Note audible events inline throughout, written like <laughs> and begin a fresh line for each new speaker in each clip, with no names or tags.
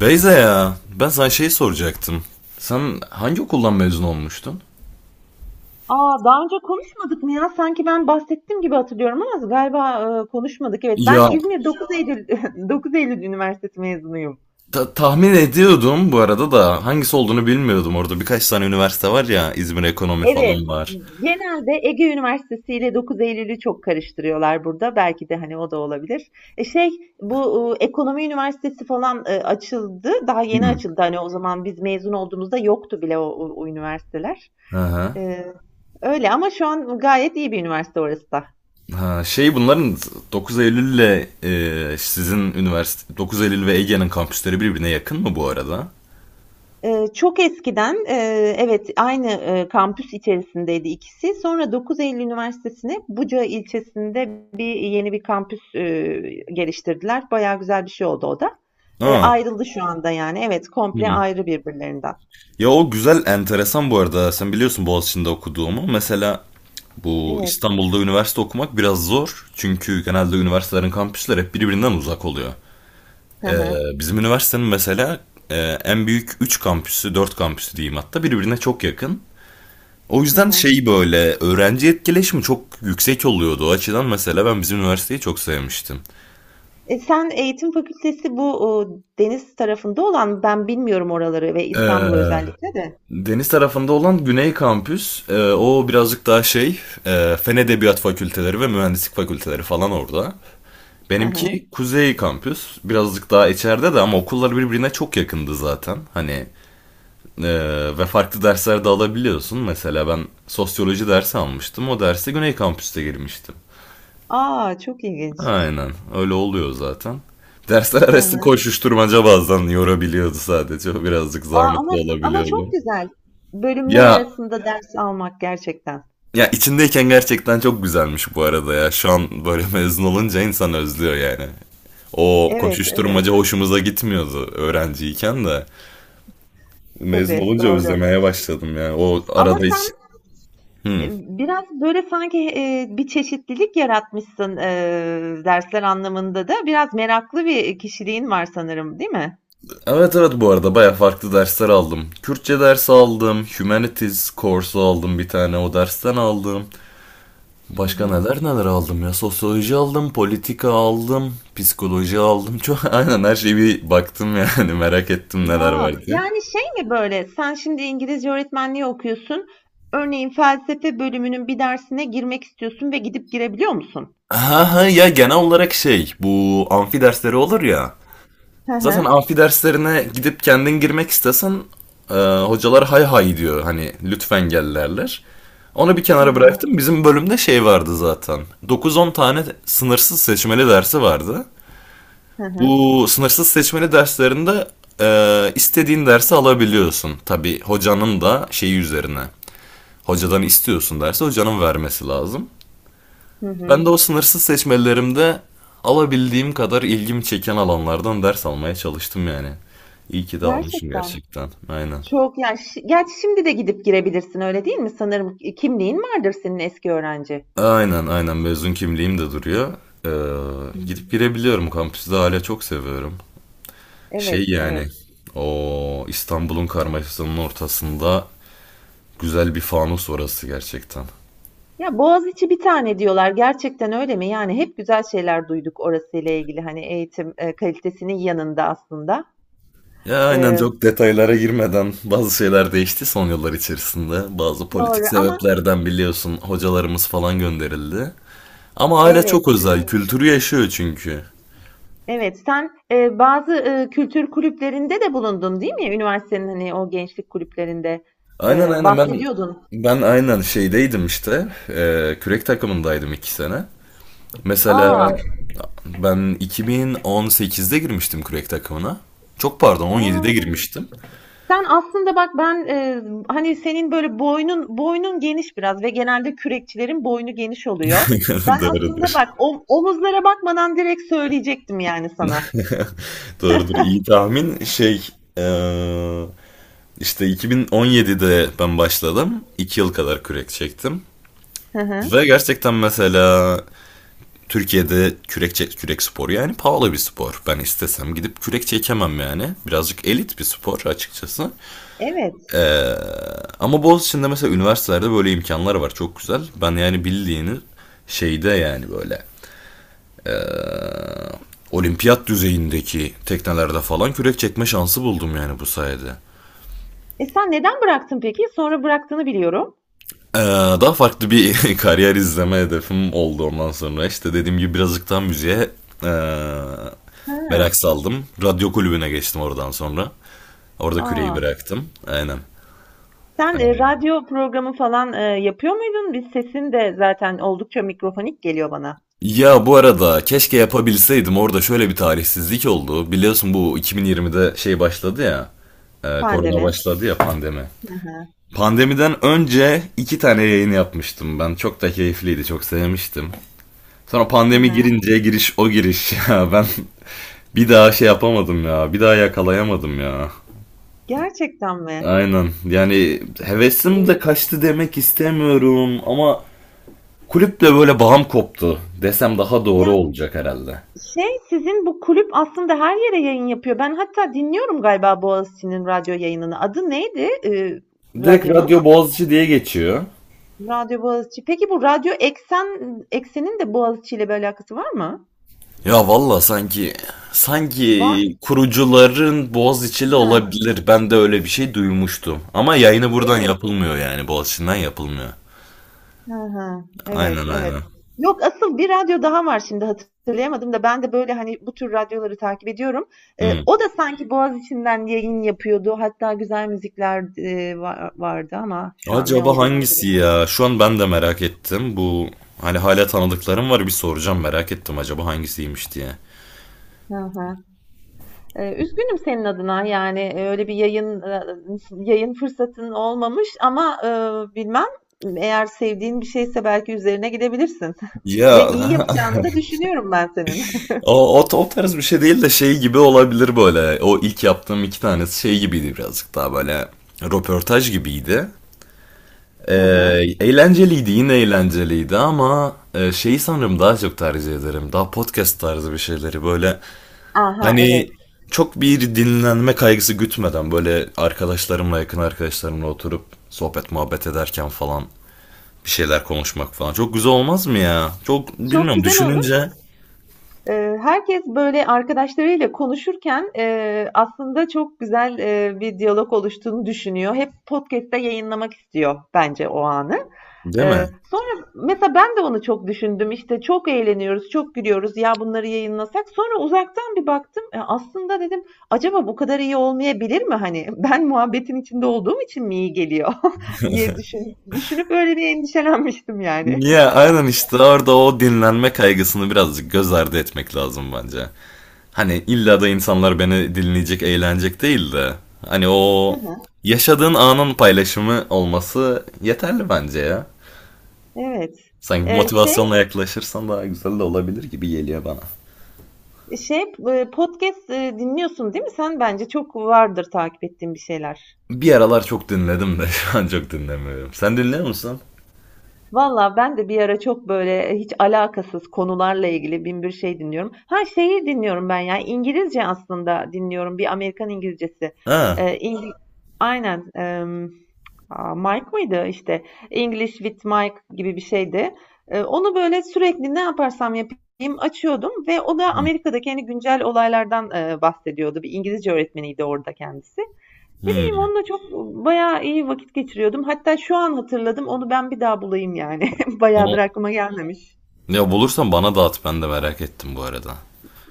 Beyza ya, ben sana şey soracaktım. Sen hangi okuldan mezun olmuştun?
Aa, daha önce konuşmadık mı ya? Sanki ben bahsettim gibi hatırlıyorum ama galiba konuşmadık. Evet, ben
Ya,
İzmir 9 Eylül <laughs> 9 Eylül Üniversitesi mezunuyum.
tahmin ediyordum bu arada, da hangisi olduğunu bilmiyordum. Orada birkaç tane üniversite var ya, İzmir Ekonomi
Evet,
falan var.
genelde Ege Üniversitesi ile 9 Eylül'ü çok karıştırıyorlar burada. Belki de hani o da olabilir. E şey, bu Ekonomi Üniversitesi falan açıldı. Daha yeni
Hmm.
açıldı. Hani o zaman biz mezun olduğumuzda yoktu bile o üniversiteler.
Aha.
E, öyle ama şu an gayet iyi bir üniversite orası da.
Ha, şey bunların 9 Eylül ile e, sizin üniversite 9 Eylül ve Ege'nin kampüsleri birbirine yakın mı bu arada?
Çok eskiden, evet, aynı, kampüs içerisindeydi ikisi. Sonra 9 Eylül Üniversitesi'ne Buca ilçesinde bir yeni bir kampüs, geliştirdiler. Bayağı güzel bir şey oldu o da. Eee,
Aa.
ayrıldı şu anda yani. Evet, komple
Hmm.
ayrı birbirlerinden.
Ya, o güzel, enteresan bu arada. Sen biliyorsun Boğaziçi'nde okuduğumu. Mesela bu
Evet.
İstanbul'da üniversite okumak biraz zor. Çünkü genelde üniversitelerin kampüsleri hep birbirinden uzak oluyor.
Hı
Ee,
hı.
Bizim üniversitenin mesela, e, en büyük 3 kampüsü, 4 kampüsü diyeyim hatta, birbirine çok yakın. O
Hı
yüzden
hı.
şey, böyle öğrenci etkileşimi çok yüksek oluyordu. O açıdan mesela ben bizim üniversiteyi çok sevmiştim.
Sen eğitim fakültesi bu, deniz tarafında olan, ben bilmiyorum oraları ve
Ee,
İstanbul'u özellikle de.
Deniz tarafında olan Güney Kampüs, o birazcık daha şey, Fen Edebiyat Fakülteleri ve Mühendislik Fakülteleri falan orada.
Hı hı.
Benimki Kuzey Kampüs, birazcık daha içeride de, ama okullar birbirine çok yakındı zaten. Hani, e, ve farklı dersler de alabiliyorsun. Mesela ben sosyoloji dersi almıştım, o derse Güney Kampüs'te girmiştim.
A! Çok ilginç.
Aynen, öyle oluyor zaten. Dersler
Hı
arası
hı.
koşuşturmaca bazen yorabiliyordu sadece, o birazcık
Aa, ama
zahmetli
ama çok
olabiliyordu.
güzel. Bölümler
Ya
arasında evet, ders almak gerçekten.
Ya içindeyken gerçekten çok güzelmiş bu arada ya. Şu an böyle <laughs> mezun olunca insan özlüyor yani. O
Evet, evet.
koşuşturmaca hoşumuza gitmiyordu öğrenciyken de. Mezun
Tabii,
olunca
doğru.
özlemeye başladım ya. O
Ama
arada
sen
hiç...
e,
Hmm.
biraz böyle sanki bir çeşitlilik yaratmışsın dersler anlamında da. Biraz meraklı bir kişiliğin var sanırım, değil mi?
Evet, evet, bu arada baya farklı dersler aldım. Kürtçe dersi aldım, Humanities kursu aldım, bir tane o dersten aldım.
Hı
Başka
hı.
neler neler aldım ya. Sosyoloji aldım, politika aldım, psikoloji aldım. Çok <laughs> aynen, her şeyi bir baktım yani, <laughs> merak ettim neler var
Ya,
diye.
yani şey mi böyle? Sen şimdi İngilizce öğretmenliği okuyorsun. Örneğin felsefe bölümünün bir dersine girmek istiyorsun ve gidip girebiliyor musun?
Ha ha, ya genel olarak şey, bu amfi dersleri olur ya.
Hı
Zaten
hı,
amfi derslerine gidip kendin girmek istesen, e, hocalar hay hay diyor, hani lütfen gel derler. Onu bir
hı
kenara bıraktım.
hı,
Bizim bölümde şey vardı zaten. Dokuz on tane sınırsız seçmeli dersi vardı.
hı hı,
Bu sınırsız seçmeli derslerinde istediğin dersi alabiliyorsun. Tabii hocanın da şeyi üzerine. Hocadan istiyorsun, dersi hocanın vermesi lazım.
hı hı.
Ben de o sınırsız seçmelerimde alabildiğim kadar ilgimi çeken alanlardan ders almaya çalıştım yani. İyi ki de almışım
Gerçekten.
gerçekten. Aynen.
Çok yani gerçi şimdi de gidip girebilirsin öyle değil mi? Sanırım kimliğin vardır senin eski öğrenci.
Aynen, aynen, mezun kimliğim de duruyor. Gidip
Hımm.
girebiliyorum, kampüsü de hala çok seviyorum. Şey
Evet,
yani,
evet.
o İstanbul'un karmaşasının ortasında güzel bir fanus orası gerçekten.
Ya, Boğaziçi bir tane diyorlar. Gerçekten öyle mi? Yani hep güzel şeyler duyduk orasıyla ilgili, hani, eğitim, kalitesinin yanında aslında.
Ya aynen,
Eee,
çok detaylara girmeden bazı şeyler değişti son yıllar içerisinde. Bazı
doğru
politik
ama
sebeplerden biliyorsun, hocalarımız falan gönderildi. Ama aile
evet,
çok özel.
evet,
Kültürü yaşıyor çünkü.
evet. Sen, bazı, kültür kulüplerinde de bulundun değil mi? Üniversitenin, hani, o gençlik kulüplerinde,
Aynen, aynen, ben
bahsediyordun.
ben aynen şeydeydim işte. Kürek takımındaydım 2 sene.
Aa.
Mesela ben 2018'de girmiştim kürek takımına. Çok pardon,
A!
17'de girmiştim.
Sen aslında bak ben, hani, senin böyle boynun geniş biraz ve genelde kürekçilerin boynu geniş oluyor.
<laughs>
Ben aslında
Doğrudur.
bak omuzlara bakmadan direkt söyleyecektim yani sana.
<laughs> Doğrudur. İyi tahmin. Şey, eee, işte 2017'de ben başladım. 2 yıl kadar kürek çektim.
Hı hı.
Ve gerçekten mesela Türkiye'de kürek, kürek sporu yani pahalı bir spor. Ben istesem gidip kürek çekemem yani. Birazcık elit bir spor açıkçası.
Evet.
Ama Boğaziçi'nde mesela üniversitelerde böyle imkanlar var. Çok güzel. Ben yani bildiğini şeyde yani, böyle olimpiyat düzeyindeki teknelerde falan kürek çekme şansı buldum yani bu sayede.
Sen neden bıraktın peki? Sonra bıraktığını biliyorum.
Ee, Daha farklı bir <laughs> kariyer izleme hedefim oldu ondan sonra. İşte dediğim gibi birazcık daha müziğe ee, merak
Ha.
saldım. Radyo kulübüne geçtim oradan sonra. Orada küreyi
A!
bıraktım. Aynen.
Sen,
Aynen.
radyo programı falan, yapıyor muydun? Biz sesin de zaten oldukça mikrofonik geliyor bana.
Ya bu arada keşke yapabilseydim, orada şöyle bir talihsizlik oldu. Biliyorsun bu 2020'de şey başladı ya. Korona
Pandemi.
başladı ya, pandemi. Pandemiden önce iki tane yayın yapmıştım ben. Çok da keyifliydi, çok sevmiştim. Sonra
Hı
pandemi
hı.
girince giriş o giriş, <laughs> ya ben bir daha şey yapamadım ya, bir daha yakalayamadım ya.
Gerçekten mi?
Aynen yani, hevesim de
Eee,
kaçtı demek istemiyorum, ama kulüple böyle bağım koptu desem daha doğru
ya
olacak herhalde.
şey, sizin bu kulüp aslında her yere yayın yapıyor. Ben hatta dinliyorum galiba Boğaziçi'nin radyo yayınını. Adı neydi,
Direkt
radyonun?
Radyo Boğaziçi diye geçiyor.
Radyo Boğaziçi. Peki bu Radyo Eksen'in de Boğaziçi ile bir alakası var mı?
Ya valla, sanki
Var.
sanki kurucuların Boğaziçi'li
Ha,
olabilir. Ben de öyle bir şey duymuştum. Ama yayını buradan
evet.
yapılmıyor, yani Boğaziçi'nden yapılmıyor.
Ha, ha. Evet,
Aynen,
evet.
aynen.
Yok, asıl bir radyo daha var, şimdi hatırlayamadım da ben de böyle hani bu tür radyoları takip ediyorum. Eee,
Hı.
o da sanki Boğaziçi'nden yayın yapıyordu. Hatta güzel müzikler vardı ama şu an ne
Acaba
olduğunu
hangisi
hatırlayamadım.
ya? Şu an ben de merak ettim. Bu, hani hala tanıdıklarım var, bir soracağım, merak ettim acaba hangisiymiş diye.
Hı hı. Üzgünüm senin adına, yani, öyle bir yayın, yayın fırsatın olmamış ama, bilmem, eğer sevdiğin bir şeyse belki üzerine gidebilirsin <laughs>
Ya,
ve iyi yapacağını da düşünüyorum ben senin. <laughs>
<laughs> o tarz bir şey değil de, şey gibi olabilir böyle. O ilk yaptığım iki tanesi şey gibiydi, birazcık daha böyle röportaj gibiydi. Ee,
Hı hı.
Eğlenceliydi, yine eğlenceliydi ama, şeyi sanırım daha çok tercih ederim. Daha podcast tarzı bir şeyleri böyle.
Aha,
Hani
evet.
çok bir dinlenme kaygısı gütmeden, böyle arkadaşlarımla, yakın arkadaşlarımla oturup sohbet muhabbet ederken falan bir şeyler konuşmak falan çok güzel olmaz mı ya? Çok
Çok
bilmiyorum,
güzel olur.
düşününce,
Herkes, böyle, arkadaşlarıyla konuşurken, aslında çok güzel, bir diyalog oluştuğunu düşünüyor. Hep podcast'te yayınlamak istiyor bence o anı.
değil mi?
Sonra mesela ben de onu çok düşündüm. İşte çok eğleniyoruz, çok gülüyoruz. Ya bunları yayınlasak. Sonra uzaktan bir baktım. Aslında dedim acaba bu kadar iyi olmayabilir mi? Hani <laughs> ben muhabbetin içinde olduğum için mi iyi geliyor <laughs> diye düşünüp öyle bir endişelenmiştim yani.
Ya aynen, işte orada o dinlenme kaygısını birazcık göz ardı etmek lazım bence. Hani illa da insanlar beni dinleyecek, eğlenecek değil de, hani
Hı
o
hı.
yaşadığın anın paylaşımı olması yeterli bence ya.
Evet.
Sanki bu
Eee, şey
motivasyonla yaklaşırsan daha güzel de olabilir gibi geliyor bana.
şey podcast dinliyorsun değil mi? Sen bence çok vardır takip ettiğin bir şeyler.
Bir aralar çok dinledim de, <laughs> şu an çok dinlemiyorum. Sen dinliyor musun?
Valla ben de bir ara çok böyle hiç alakasız konularla ilgili bin bir şey dinliyorum. Ha şeyi dinliyorum ben ya, İngilizce aslında dinliyorum, bir Amerikan İngilizcesi.
Ha.
Ee, İngi- Aynen. Mike mıydı işte, English with Mike gibi bir şeydi. Onu böyle sürekli ne yaparsam yapayım açıyordum ve o da Amerika'daki hani güncel olaylardan bahsediyordu. Bir İngilizce öğretmeniydi orada kendisi. Ne bileyim
Hmm.
onunla çok bayağı iyi vakit geçiriyordum. Hatta şu an hatırladım. Onu ben bir daha bulayım yani. <laughs> Bayağıdır
O-
aklıma gelmemiş.
Ya bulursan bana dağıt, ben de merak ettim bu arada.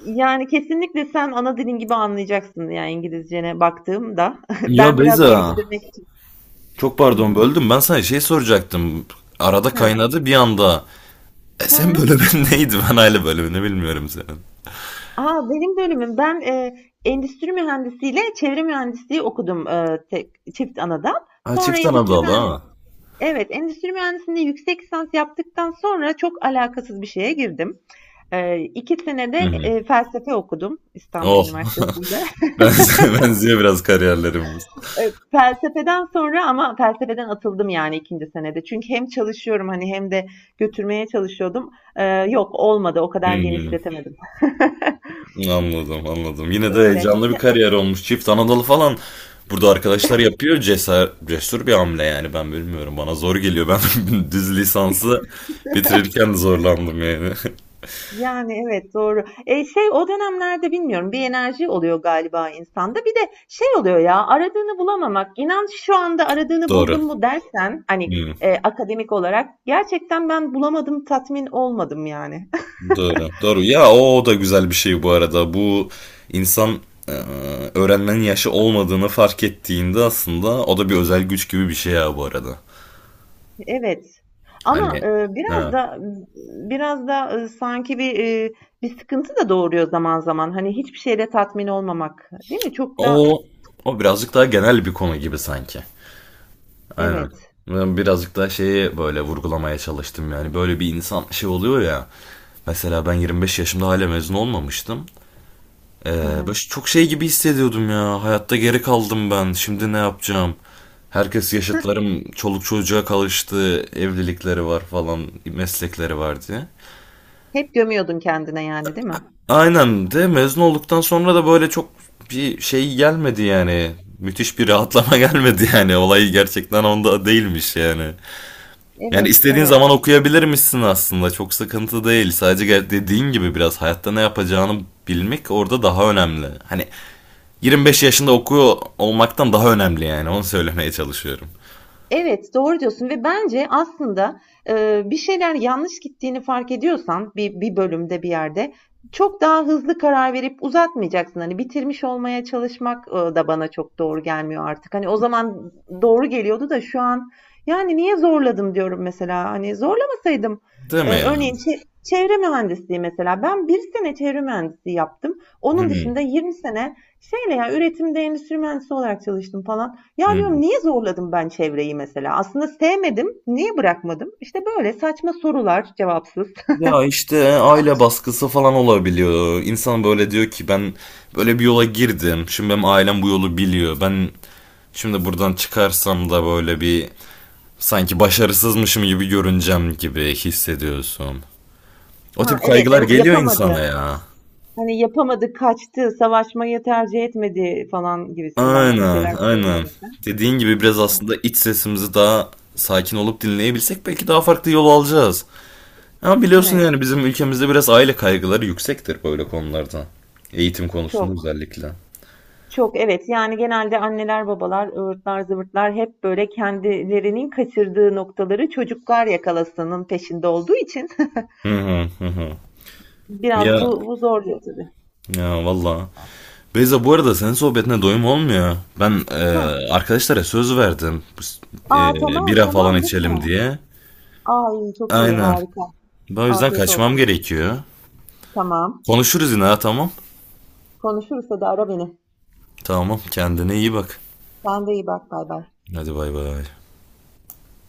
Yani kesinlikle sen ana dilin gibi anlayacaksın yani, İngilizcene baktığımda. <laughs>
Ya
Ben biraz
Beyza.
geliştirmek için.
Çok
Hı
pardon
hı.
böldüm, ben sana şey soracaktım. Arada
Hı.
kaynadı bir anda. Sen
Hı.
bölümün <laughs> neydi? Ben aile bölümünü bilmiyorum senin.
Aa, benim bölümüm. Ben endüstri mühendisiyle çevre mühendisliği okudum, tek, çift anadan.
Ha,
Sonra
çift Anadolu ha.
evet, endüstri mühendisliğinde yüksek lisans yaptıktan sonra çok alakasız bir şeye girdim. Eee, sene
Hı
de,
hı.
felsefe okudum İstanbul
Oh. <laughs>
Üniversitesi'nde. <laughs>
Ben Benziyor biraz kariyerlerimiz.
Felsefeden sonra ama felsefeden atıldım yani, 2. senede. Çünkü hem çalışıyorum hani hem de götürmeye çalışıyordum. Yok, olmadı, o
Hı
kadar
hı.
genişletemedim.
Anladım, anladım. Yine de
Öyle.
heyecanlı bir kariyer olmuş. Çift Anadolu falan burada arkadaşlar yapıyor. Cesur, cesur bir hamle yani, ben bilmiyorum. Bana zor geliyor. Ben <laughs> düz lisansı bitirirken de zorlandım yani.
Yani evet, doğru. Şey o dönemlerde bilmiyorum, bir enerji oluyor galiba insanda. Bir de şey oluyor ya, aradığını bulamamak. İnan şu anda
<laughs>
aradığını
Doğru.
buldun mu dersen, hani
Hmm,
akademik olarak gerçekten ben bulamadım, tatmin olmadım yani.
doğru. Doğru. Ya, o, o da güzel bir şey bu arada. Bu insan, e, öğrenmenin yaşı olmadığını fark ettiğinde aslında o da bir özel güç gibi bir şey ya bu arada.
Evet. Ama,
Hani
biraz
ha.
da biraz da, ııı, sanki bir, bir sıkıntı da doğuruyor zaman zaman. Hani, hiçbir şeyle tatmin olmamak, değil mi? Çok da.
O o birazcık daha genel bir konu gibi sanki. Aynen.
Evet.
Ben birazcık da şeyi böyle vurgulamaya çalıştım yani. Böyle bir insan şey oluyor ya. Mesela ben 25 yaşımda hala mezun olmamıştım. Ee,
Hı
Böyle
hı.
çok şey gibi hissediyordum ya. Hayatta geri kaldım ben. Şimdi ne yapacağım? Herkes yaşıtlarım çoluk çocuğa kalıştı. Evlilikleri var falan. Meslekleri var diye.
Hep gömüyordun kendine yani, değil mi?
Aynen, de mezun olduktan sonra da böyle çok bir şey gelmedi yani. Müthiş bir rahatlama <laughs> gelmedi yani. Olay gerçekten onda değilmiş yani. Yani
Evet,
istediğin
evet.
zaman okuyabilirmişsin aslında. Çok sıkıntı değil. Sadece dediğin gibi biraz hayatta ne yapacağını bilmek orada daha önemli. Hani 25 yaşında okuyor olmaktan daha önemli yani. Onu söylemeye çalışıyorum.
Evet, doğru diyorsun ve bence aslında, bir şeyler yanlış gittiğini fark ediyorsan bir bölümde, bir yerde çok daha hızlı karar verip uzatmayacaksın. Hani bitirmiş olmaya çalışmak, da bana çok doğru gelmiyor artık. Hani o zaman doğru geliyordu da şu an, yani, niye zorladım diyorum mesela. Hani zorlamasaydım,
Değil mi ya?
örneğin çevre mühendisliği mesela. Ben bir sene çevre mühendisliği yaptım. Onun
Hmm,
dışında 20 sene şeyle ya, üretimde endüstri mühendisi olarak çalıştım falan. Ya
hmm.
diyorum niye zorladım ben çevreyi mesela? Aslında sevmedim. Niye bırakmadım? İşte böyle saçma sorular cevapsız.
Ya işte aile baskısı falan olabiliyor. İnsan böyle diyor ki ben böyle bir yola girdim. Şimdi benim ailem bu yolu biliyor. Ben şimdi buradan çıkarsam da böyle bir sanki başarısızmışım gibi görüneceğim gibi hissediyorsun. O
Ha
tip
evet,
kaygılar
evet,
geliyor
yapamadı.
insana ya.
Hani yapamadı, kaçtı, savaşmayı tercih etmedi falan gibisinden bir
Aynen,
şeyler
aynen.
söyleyecek.
Dediğin gibi biraz aslında iç sesimizi daha sakin olup dinleyebilsek belki daha farklı yol alacağız. Ama biliyorsun
Evet,
yani bizim ülkemizde biraz aile kaygıları yüksektir böyle konularda. Eğitim konusunda
çok
özellikle.
çok evet, yani genelde anneler babalar ıvırtlar zıvırtlar hep böyle kendilerinin kaçırdığı noktaları çocuklar yakalasının peşinde olduğu için
Hı hı hı hı.
<laughs> biraz
Ya
bu zorluyor tabii.
ya valla. Beyza bu arada senin sohbetine doyum olmuyor. Ben,
Heh.
arkadaşlara söz verdim.
Aa,
E,
tamam,
Bira
tamam,
falan içelim
lütfen.
diye.
Ay, çok iyi,
Aynen.
harika.
Ben o yüzden
Afiyet
kaçmam
olsun.
gerekiyor.
Tamam.
Konuşuruz yine ha, tamam.
Konuşuruz, hadi ara beni.
Tamam, kendine iyi bak.
Sen de iyi bak. Bay bay.
Hadi bay bay.